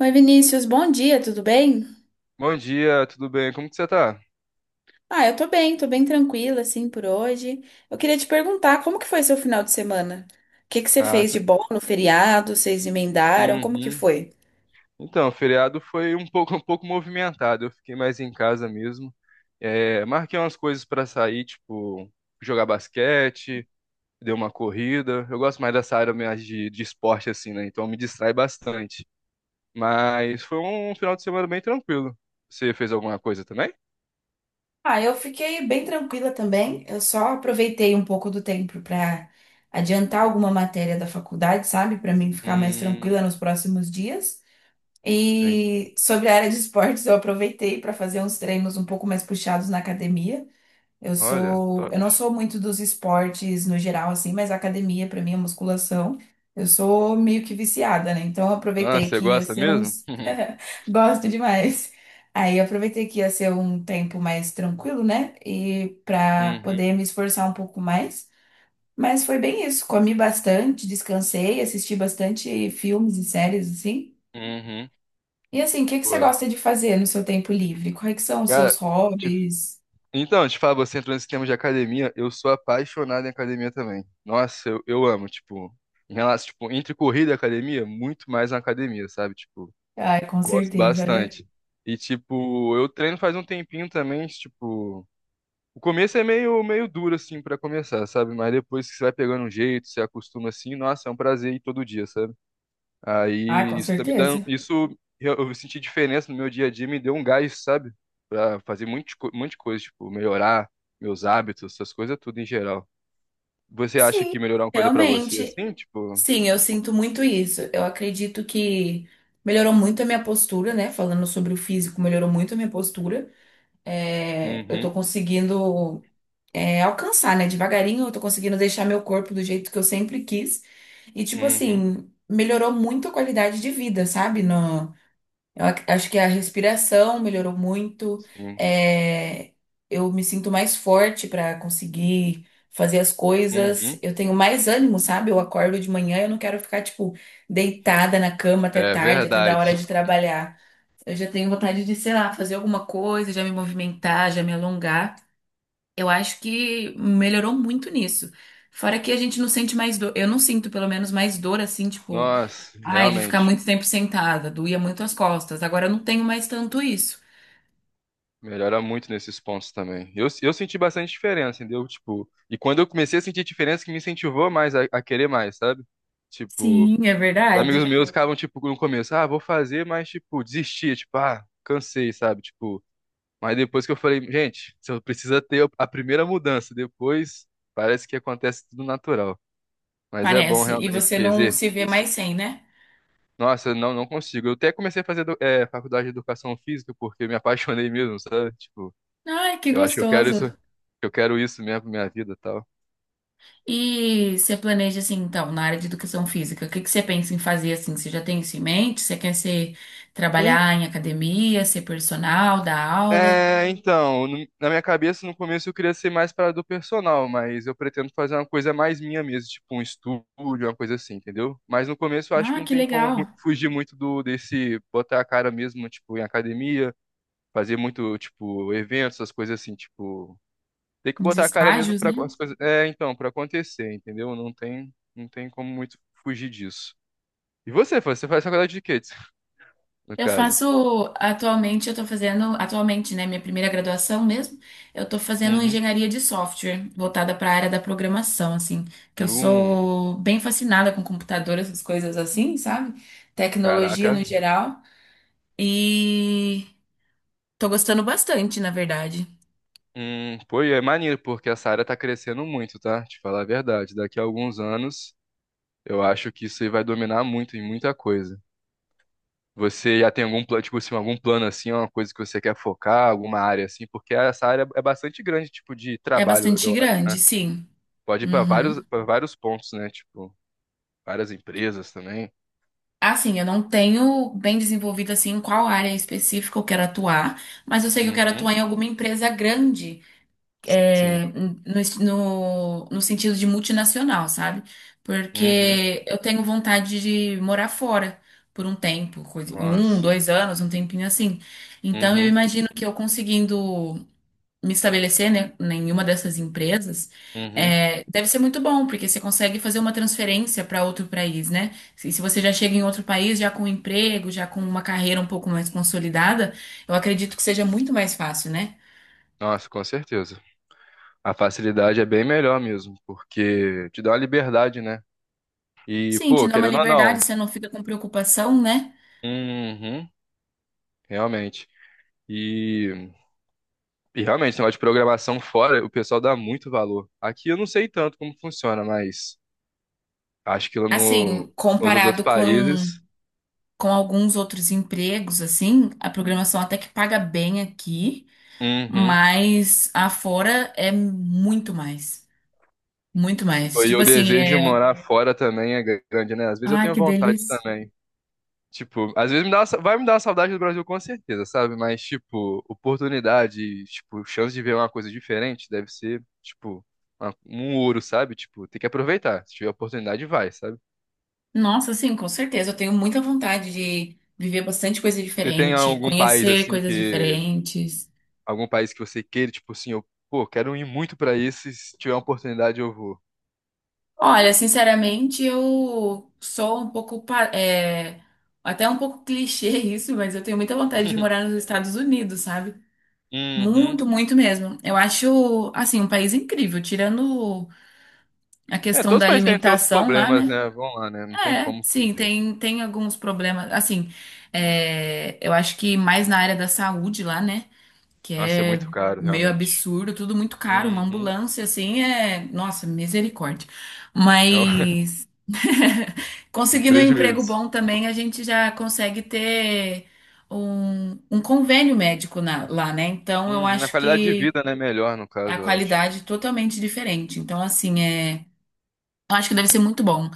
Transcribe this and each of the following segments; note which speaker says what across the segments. Speaker 1: Oi, Vinícius, bom dia, tudo bem?
Speaker 2: Bom dia, tudo bem? Como que você tá?
Speaker 1: Ah, eu tô bem tranquila, assim, por hoje. Eu queria te perguntar, como que foi seu final de semana? O que que você
Speaker 2: Ah,
Speaker 1: fez de bom no feriado? Vocês emendaram? Como que
Speaker 2: uhum.
Speaker 1: foi?
Speaker 2: Então, o feriado foi um pouco, um pouco movimentado. Eu fiquei mais em casa mesmo. É, marquei umas coisas pra sair, tipo jogar basquete, dei uma corrida. Eu gosto mais dessa área mais de esporte assim, né? Então me distrai bastante. Mas foi um final de semana bem tranquilo. Você fez alguma coisa também?
Speaker 1: Ah, eu fiquei bem tranquila também. Eu só aproveitei um pouco do tempo para adiantar alguma matéria da faculdade, sabe? Para mim ficar mais
Speaker 2: Hum,
Speaker 1: tranquila nos próximos dias.
Speaker 2: tem.
Speaker 1: E sobre a área de esportes, eu aproveitei para fazer uns treinos um pouco mais puxados na academia. Eu
Speaker 2: Olha,
Speaker 1: sou,
Speaker 2: top.
Speaker 1: eu não sou muito dos esportes no geral, assim, mas a academia, pra mim, a musculação, eu sou meio que viciada, né? Então, eu
Speaker 2: Nossa,
Speaker 1: aproveitei
Speaker 2: você
Speaker 1: que ia
Speaker 2: gosta
Speaker 1: ser
Speaker 2: mesmo?
Speaker 1: uns. Gosto demais. Aí, eu aproveitei que ia ser um tempo mais tranquilo, né? E pra
Speaker 2: Uhum,
Speaker 1: poder me esforçar um pouco mais. Mas foi bem isso. Comi bastante, descansei, assisti bastante filmes e séries, assim.
Speaker 2: uhum.
Speaker 1: E assim, o que que você
Speaker 2: Pô,
Speaker 1: gosta de fazer no seu tempo livre? Quais que são os seus
Speaker 2: cara, te
Speaker 1: hobbies?
Speaker 2: Então, te falo, você entrou nesse tema de academia, eu sou apaixonado em academia também. Nossa, eu amo, tipo, em relação, tipo, entre corrida e academia, muito mais na academia, sabe? Tipo,
Speaker 1: Ai, com
Speaker 2: gosto
Speaker 1: certeza, né?
Speaker 2: bastante. E, tipo, eu treino faz um tempinho também, tipo, o começo é meio duro, assim, pra começar, sabe? Mas depois que você vai pegando um jeito, você acostuma assim, nossa, é um prazer ir todo dia, sabe?
Speaker 1: Ah, com
Speaker 2: Aí isso tá me dando,
Speaker 1: certeza.
Speaker 2: isso eu senti diferença no meu dia a dia, me deu um gás, sabe? Pra fazer muito um monte de coisa, tipo, melhorar meus hábitos, essas coisas tudo em geral. Você acha
Speaker 1: Sim,
Speaker 2: que melhorar uma coisa pra você
Speaker 1: realmente.
Speaker 2: assim, tipo,
Speaker 1: Sim, eu sinto muito isso. Eu acredito que melhorou muito a minha postura, né? Falando sobre o físico, melhorou muito a minha postura. É, eu tô
Speaker 2: uhum,
Speaker 1: conseguindo, é, alcançar, né? Devagarinho, eu tô conseguindo deixar meu corpo do jeito que eu sempre quis. E, tipo
Speaker 2: uhum,
Speaker 1: assim, melhorou muito a qualidade de vida, sabe? No, Eu ac- Acho que a respiração melhorou muito.
Speaker 2: sim,
Speaker 1: É, eu me sinto mais forte para conseguir fazer as coisas.
Speaker 2: uhum.
Speaker 1: Eu tenho mais ânimo, sabe? Eu acordo de manhã, eu não quero ficar, tipo, deitada na cama até
Speaker 2: É
Speaker 1: tarde, até da hora
Speaker 2: verdade.
Speaker 1: de trabalhar. Eu já tenho vontade de, sei lá, fazer alguma coisa, já me movimentar, já me alongar. Eu acho que melhorou muito nisso. Fora que a gente não sente mais dor. Eu não sinto, pelo menos, mais dor, assim, tipo.
Speaker 2: Nossa,
Speaker 1: Ai, de ficar
Speaker 2: realmente.
Speaker 1: muito tempo sentada, doía muito as costas. Agora eu não tenho mais tanto isso.
Speaker 2: Melhora muito nesses pontos também. Eu senti bastante diferença, entendeu? Tipo, e quando eu comecei a sentir diferença, que me incentivou mais a querer mais, sabe? Tipo,
Speaker 1: Sim, é
Speaker 2: os amigos
Speaker 1: verdade.
Speaker 2: meus ficavam, tipo, no começo, ah, vou fazer, mas, tipo, desistia, tipo, ah, cansei, sabe? Tipo, mas depois que eu falei, gente, você precisa ter a primeira mudança, depois parece que acontece tudo natural. Mas é bom
Speaker 1: Parece. E
Speaker 2: realmente
Speaker 1: você não se
Speaker 2: exercer
Speaker 1: vê
Speaker 2: isso.
Speaker 1: mais sem, né?
Speaker 2: Nossa, eu não, não consigo. Eu até comecei a fazer faculdade de educação física porque eu me apaixonei mesmo, sabe? Tipo,
Speaker 1: Ai, que
Speaker 2: eu acho que
Speaker 1: gostoso.
Speaker 2: eu quero isso mesmo pra minha vida e tal.
Speaker 1: E você planeja assim, então, na área de educação física, o que que você pensa em fazer assim? Você já tem isso em mente? Você quer ser, trabalhar em academia, ser personal, dar aula?
Speaker 2: É, então, na minha cabeça, no começo eu queria ser mais para do personal, mas eu pretendo fazer uma coisa mais minha mesmo, tipo um estúdio, uma coisa assim, entendeu? Mas no começo eu acho que
Speaker 1: Ah,
Speaker 2: não
Speaker 1: que
Speaker 2: tem como
Speaker 1: legal.
Speaker 2: fugir muito do desse botar a cara mesmo, tipo, em academia, fazer muito, tipo, eventos, essas coisas assim, tipo, tem que
Speaker 1: Uns
Speaker 2: botar a cara mesmo
Speaker 1: estágios,
Speaker 2: para
Speaker 1: né?
Speaker 2: as coisas, é, então, para acontecer, entendeu? Não tem como muito fugir disso. E você, Fran, você faz faculdade de quê, no
Speaker 1: Eu
Speaker 2: caso?
Speaker 1: faço atualmente, eu tô fazendo, atualmente, né, minha primeira graduação mesmo, eu tô fazendo
Speaker 2: Uhum.
Speaker 1: engenharia de software, voltada para a área da programação, assim, que eu
Speaker 2: Hum,
Speaker 1: sou bem fascinada com computador, essas coisas assim, sabe? Tecnologia
Speaker 2: caraca.
Speaker 1: no geral, e tô gostando bastante, na verdade.
Speaker 2: Pô, e é maneiro, porque essa área tá crescendo muito, tá? Te falar a verdade. Daqui a alguns anos, eu acho que isso aí vai dominar muito em muita coisa. Você já tem algum plano, tipo assim, algum plano assim, uma coisa que você quer focar, alguma área assim, porque essa área é bastante grande, tipo, de
Speaker 1: É
Speaker 2: trabalho,
Speaker 1: bastante
Speaker 2: eu acho,
Speaker 1: grande,
Speaker 2: né?
Speaker 1: sim.
Speaker 2: Pode ir pra vários,
Speaker 1: Uhum.
Speaker 2: para vários pontos, né? Tipo, várias empresas também.
Speaker 1: Assim, eu não tenho bem desenvolvido assim em qual área específica eu quero atuar, mas eu sei que eu quero
Speaker 2: Uhum.
Speaker 1: atuar em alguma empresa grande,
Speaker 2: Sim.
Speaker 1: é, no sentido de multinacional, sabe?
Speaker 2: Uhum.
Speaker 1: Porque eu tenho vontade de morar fora por um tempo, coisa, um,
Speaker 2: Nossa.
Speaker 1: dois anos, um tempinho assim. Então eu
Speaker 2: Uhum.
Speaker 1: imagino que eu conseguindo me estabelecer, né, em uma dessas empresas,
Speaker 2: Uhum.
Speaker 1: é, deve ser muito bom, porque você consegue fazer uma transferência para outro país, né? Se você já chega em outro país, já com um emprego, já com uma carreira um pouco mais consolidada, eu acredito que seja muito mais fácil, né?
Speaker 2: Nossa, com certeza. A facilidade é bem melhor mesmo, porque te dá uma liberdade, né? E,
Speaker 1: Sim, te
Speaker 2: pô,
Speaker 1: dá uma
Speaker 2: querendo ou
Speaker 1: liberdade,
Speaker 2: não.
Speaker 1: você não fica com preocupação, né?
Speaker 2: Uhum, realmente. E, e realmente, esse negócio de programação fora, o pessoal dá muito valor. Aqui eu não sei tanto como funciona, mas acho que lá
Speaker 1: Assim,
Speaker 2: no, nos outros
Speaker 1: comparado
Speaker 2: países.
Speaker 1: com alguns outros empregos, assim, a programação até que paga bem aqui,
Speaker 2: Uhum.
Speaker 1: mas afora é muito mais. Muito mais.
Speaker 2: E
Speaker 1: Tipo
Speaker 2: o
Speaker 1: assim,
Speaker 2: desejo de
Speaker 1: é,
Speaker 2: morar fora também é grande, né? Às vezes eu
Speaker 1: ai,
Speaker 2: tenho
Speaker 1: que
Speaker 2: vontade
Speaker 1: delícia.
Speaker 2: também. Tipo, às vezes me dá uma vai me dar uma saudade do Brasil com certeza, sabe? Mas, tipo, oportunidade, tipo, chance de ver uma coisa diferente deve ser, tipo, um ouro, sabe? Tipo, tem que aproveitar. Se tiver oportunidade, vai, sabe?
Speaker 1: Nossa, sim, com certeza. Eu tenho muita vontade de viver bastante coisa
Speaker 2: Você tem
Speaker 1: diferente,
Speaker 2: algum país,
Speaker 1: conhecer
Speaker 2: assim,
Speaker 1: coisas
Speaker 2: que...
Speaker 1: diferentes.
Speaker 2: Algum país que você queira, tipo assim, eu, pô, quero ir muito pra isso e se tiver uma oportunidade eu vou.
Speaker 1: Olha, sinceramente, eu sou um pouco, é, até um pouco clichê isso, mas eu tenho muita vontade de morar nos Estados Unidos, sabe?
Speaker 2: Uhum.
Speaker 1: Muito, muito mesmo. Eu acho, assim, um país incrível, tirando a
Speaker 2: É,
Speaker 1: questão
Speaker 2: todos os
Speaker 1: da
Speaker 2: países têm seus
Speaker 1: alimentação lá,
Speaker 2: problemas,
Speaker 1: né?
Speaker 2: né? Vamos lá, né? Não tem
Speaker 1: É,
Speaker 2: como
Speaker 1: sim,
Speaker 2: fugir.
Speaker 1: tem, tem alguns problemas. Assim, é, eu acho que mais na área da saúde lá, né? Que
Speaker 2: Nossa, é
Speaker 1: é
Speaker 2: muito caro,
Speaker 1: meio
Speaker 2: realmente.
Speaker 1: absurdo, tudo muito caro, uma
Speaker 2: Uhum.
Speaker 1: ambulância assim é, nossa, misericórdia.
Speaker 2: É um
Speaker 1: Mas
Speaker 2: é um
Speaker 1: conseguindo um emprego bom
Speaker 2: prejuízo.
Speaker 1: também, a gente já consegue ter um, um convênio médico lá, né? Então eu
Speaker 2: Uhum, a
Speaker 1: acho
Speaker 2: qualidade de
Speaker 1: que
Speaker 2: vida, né, melhor no
Speaker 1: a
Speaker 2: caso, eu acho.
Speaker 1: qualidade é totalmente diferente. Então, assim, é, eu acho que deve ser muito bom.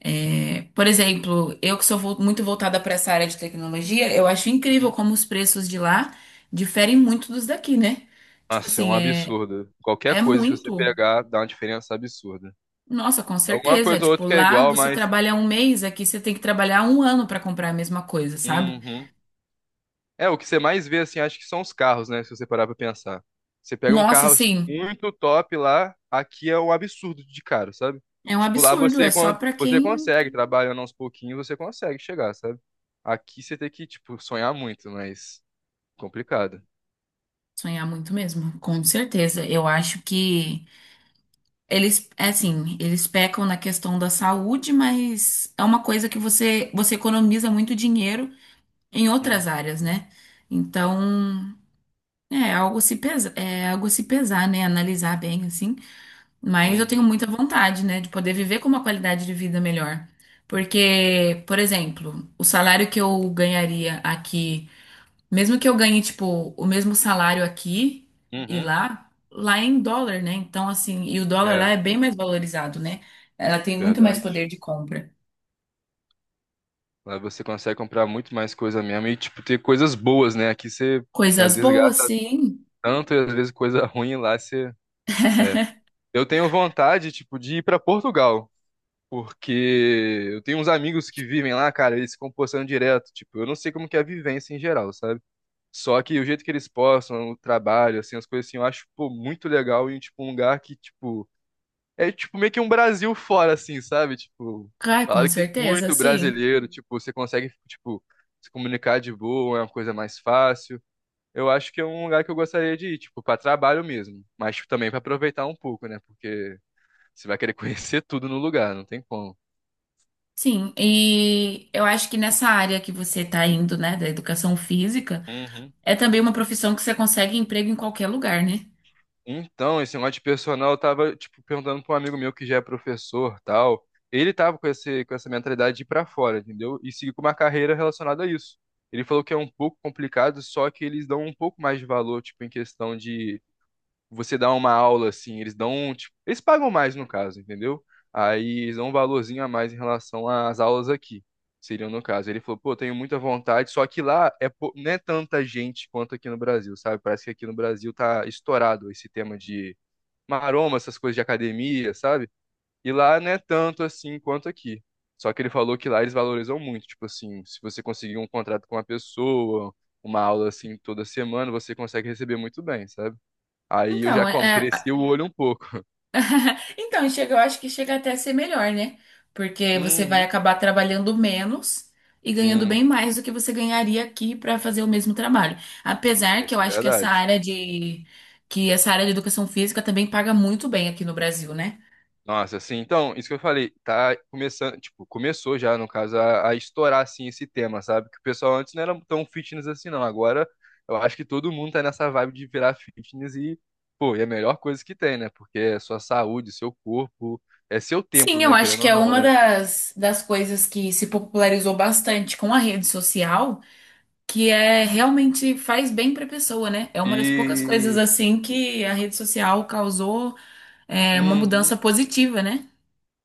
Speaker 1: É, por exemplo, eu que sou muito voltada para essa área de tecnologia, eu acho incrível
Speaker 2: Uhum.
Speaker 1: como os preços de lá diferem muito dos daqui, né? Tipo
Speaker 2: Nossa, é um
Speaker 1: assim, é,
Speaker 2: absurdo. Qualquer
Speaker 1: é
Speaker 2: coisa que você
Speaker 1: muito.
Speaker 2: pegar dá uma diferença absurda.
Speaker 1: Nossa, com
Speaker 2: Alguma
Speaker 1: certeza.
Speaker 2: coisa ou
Speaker 1: Tipo,
Speaker 2: outra que é
Speaker 1: lá
Speaker 2: igual,
Speaker 1: você
Speaker 2: mas.
Speaker 1: trabalha um mês, aqui você tem que trabalhar um ano para comprar a mesma coisa, sabe?
Speaker 2: Uhum. É, o que você mais vê, assim, acho que são os carros, né? Se você parar pra pensar. Você pega um
Speaker 1: Nossa,
Speaker 2: carro assim,
Speaker 1: assim,
Speaker 2: muito top lá, aqui é um absurdo de caro, sabe?
Speaker 1: é um
Speaker 2: Tipo, lá
Speaker 1: absurdo. É
Speaker 2: você,
Speaker 1: só para
Speaker 2: você
Speaker 1: quem
Speaker 2: consegue, trabalhando aos pouquinhos, você consegue chegar, sabe? Aqui você tem que, tipo, sonhar muito, mas complicado.
Speaker 1: sonhar muito mesmo, com certeza. Eu acho que. Eles, é assim, eles pecam na questão da saúde, mas é uma coisa que você economiza muito dinheiro em outras
Speaker 2: Uhum,
Speaker 1: áreas, né? Então, é algo a se pesa, é algo a se pesar, né? Analisar bem, assim. Mas eu tenho
Speaker 2: uhum,
Speaker 1: muita vontade, né, de poder viver com uma qualidade de vida melhor. Porque, por exemplo, o salário que eu ganharia aqui. Mesmo que eu ganhe, tipo, o mesmo salário aqui e
Speaker 2: uhum.
Speaker 1: lá, lá é em dólar, né? Então, assim, e o dólar lá
Speaker 2: É,
Speaker 1: é bem mais valorizado, né? Ela tem muito mais
Speaker 2: verdade.
Speaker 1: poder de compra.
Speaker 2: Lá você consegue comprar muito mais coisa mesmo e, tipo, ter coisas boas, né? Aqui você, às
Speaker 1: Coisas
Speaker 2: vezes,
Speaker 1: boas,
Speaker 2: gasta
Speaker 1: sim.
Speaker 2: tanto e, às vezes, coisa ruim lá você... É. Eu tenho vontade, tipo, de ir pra Portugal, porque eu tenho uns amigos que vivem lá, cara, eles ficam postando direto, tipo, eu não sei como que é a vivência em geral, sabe? Só que o jeito que eles postam, o trabalho, assim, as coisas assim, eu acho, pô, muito legal e, tipo, um lugar que, tipo... É tipo meio que um Brasil fora, assim, sabe? Tipo,
Speaker 1: Ai, com
Speaker 2: falaram que tem
Speaker 1: certeza,
Speaker 2: muito
Speaker 1: sim.
Speaker 2: brasileiro, tipo, você consegue, tipo, se comunicar de boa, é uma coisa mais fácil. Eu acho que é um lugar que eu gostaria de ir, tipo, pra trabalho mesmo, mas tipo, também pra aproveitar um pouco, né? Porque você vai querer conhecer tudo no lugar, não tem como.
Speaker 1: Sim. E eu acho que nessa área que você tá indo, né, da educação física,
Speaker 2: Uhum.
Speaker 1: é também uma profissão que você consegue emprego em qualquer lugar, né?
Speaker 2: Então, esse negócio de personal, eu tava, tipo, perguntando pra um amigo meu que já é professor, tal. Ele tava com esse, com essa mentalidade de ir pra fora, entendeu? E seguir com uma carreira relacionada a isso. Ele falou que é um pouco complicado, só que eles dão um pouco mais de valor, tipo, em questão de você dá uma aula assim, eles dão, tipo, eles pagam mais no caso, entendeu? Aí eles dão um valorzinho a mais em relação às aulas aqui, seriam no caso. Ele falou, pô, tenho muita vontade, só que lá é, não é tanta gente quanto aqui no Brasil, sabe? Parece que aqui no Brasil tá estourado esse tema de maroma, essas coisas de academia, sabe? E lá não é tanto assim quanto aqui. Só que ele falou que lá eles valorizam muito, tipo assim, se você conseguir um contrato com uma pessoa, uma aula assim toda semana, você consegue receber muito bem, sabe? Aí eu já
Speaker 1: Então,
Speaker 2: como,
Speaker 1: é,
Speaker 2: cresci o olho um pouco.
Speaker 1: Então, chega, eu acho que chega até a ser melhor, né? Porque você vai
Speaker 2: Uhum.
Speaker 1: acabar trabalhando menos e ganhando bem
Speaker 2: Sim,
Speaker 1: mais do que você ganharia aqui para fazer o mesmo trabalho. Apesar que
Speaker 2: isso
Speaker 1: eu
Speaker 2: é
Speaker 1: acho que essa
Speaker 2: verdade.
Speaker 1: área de que essa área de educação física também paga muito bem aqui no Brasil, né?
Speaker 2: Nossa, assim, então, isso que eu falei, tá começando, tipo, começou já, no caso, a estourar, assim, esse tema, sabe? Que o pessoal antes não era tão fitness assim, não. Agora, eu acho que todo mundo tá nessa vibe de virar fitness e, pô, é a melhor coisa que tem, né? Porque é sua saúde, seu corpo, é seu
Speaker 1: Sim,
Speaker 2: templo,
Speaker 1: eu
Speaker 2: né?
Speaker 1: acho
Speaker 2: Querendo
Speaker 1: que
Speaker 2: ou
Speaker 1: é
Speaker 2: não,
Speaker 1: uma
Speaker 2: né?
Speaker 1: das, das coisas que se popularizou bastante com a rede social, que é realmente faz bem para a pessoa, né? É uma das poucas coisas
Speaker 2: E,
Speaker 1: assim que a rede social causou é, uma
Speaker 2: uhum.
Speaker 1: mudança positiva, né?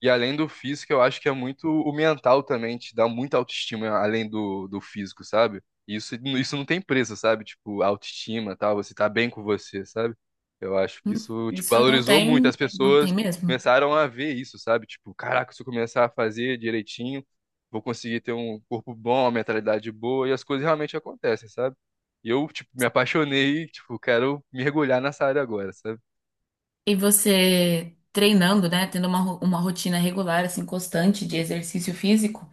Speaker 2: E além do físico, eu acho que é muito o mental também, te dá muita autoestima além do físico, sabe? E isso não tem preço, sabe? Tipo, autoestima, tal, você tá bem com você, sabe? Eu acho que isso, tipo,
Speaker 1: Isso não
Speaker 2: valorizou muito.
Speaker 1: tem,
Speaker 2: As
Speaker 1: não tem
Speaker 2: pessoas
Speaker 1: mesmo.
Speaker 2: começaram a ver isso, sabe? Tipo, caraca, se eu começar a fazer direitinho, vou conseguir ter um corpo bom, uma mentalidade boa, e as coisas realmente acontecem, sabe? E eu, tipo, me apaixonei, tipo, quero mergulhar nessa área agora, sabe?
Speaker 1: E você treinando, né, tendo uma, uma rotina regular, assim, constante de exercício físico,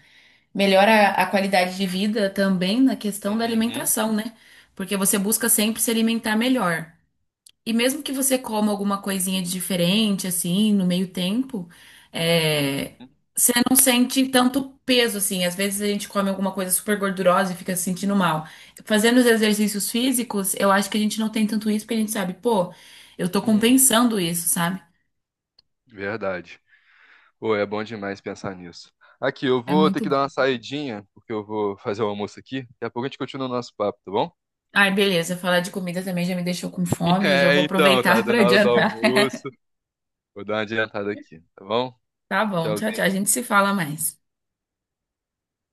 Speaker 1: melhora a qualidade de vida também na questão da
Speaker 2: Uhum,
Speaker 1: alimentação, né? Porque você busca sempre se alimentar melhor. E mesmo que você coma alguma coisinha de diferente, assim, no meio tempo, é,
Speaker 2: uhum,
Speaker 1: você não sente tanto peso, assim. Às vezes a gente come alguma coisa super gordurosa e fica se sentindo mal. Fazendo os exercícios físicos, eu acho que a gente não tem tanto isso, porque a gente sabe, pô, eu tô
Speaker 2: uhum.
Speaker 1: compensando isso, sabe?
Speaker 2: Verdade. Pô, é bom demais pensar nisso. Aqui, eu
Speaker 1: É
Speaker 2: vou ter
Speaker 1: muito
Speaker 2: que dar uma
Speaker 1: bom.
Speaker 2: saidinha, porque eu vou fazer o almoço aqui. Daqui a pouco a gente continua o nosso papo, tá bom?
Speaker 1: Ai, beleza. Falar de comida também já me deixou com fome. Eu já
Speaker 2: É,
Speaker 1: vou
Speaker 2: então, tá
Speaker 1: aproveitar para
Speaker 2: dando a hora do
Speaker 1: adiantar.
Speaker 2: almoço. Vou dar uma adiantada aqui, tá bom?
Speaker 1: Tá bom, tchau, tchau. A
Speaker 2: Tchauzinho.
Speaker 1: gente se fala mais.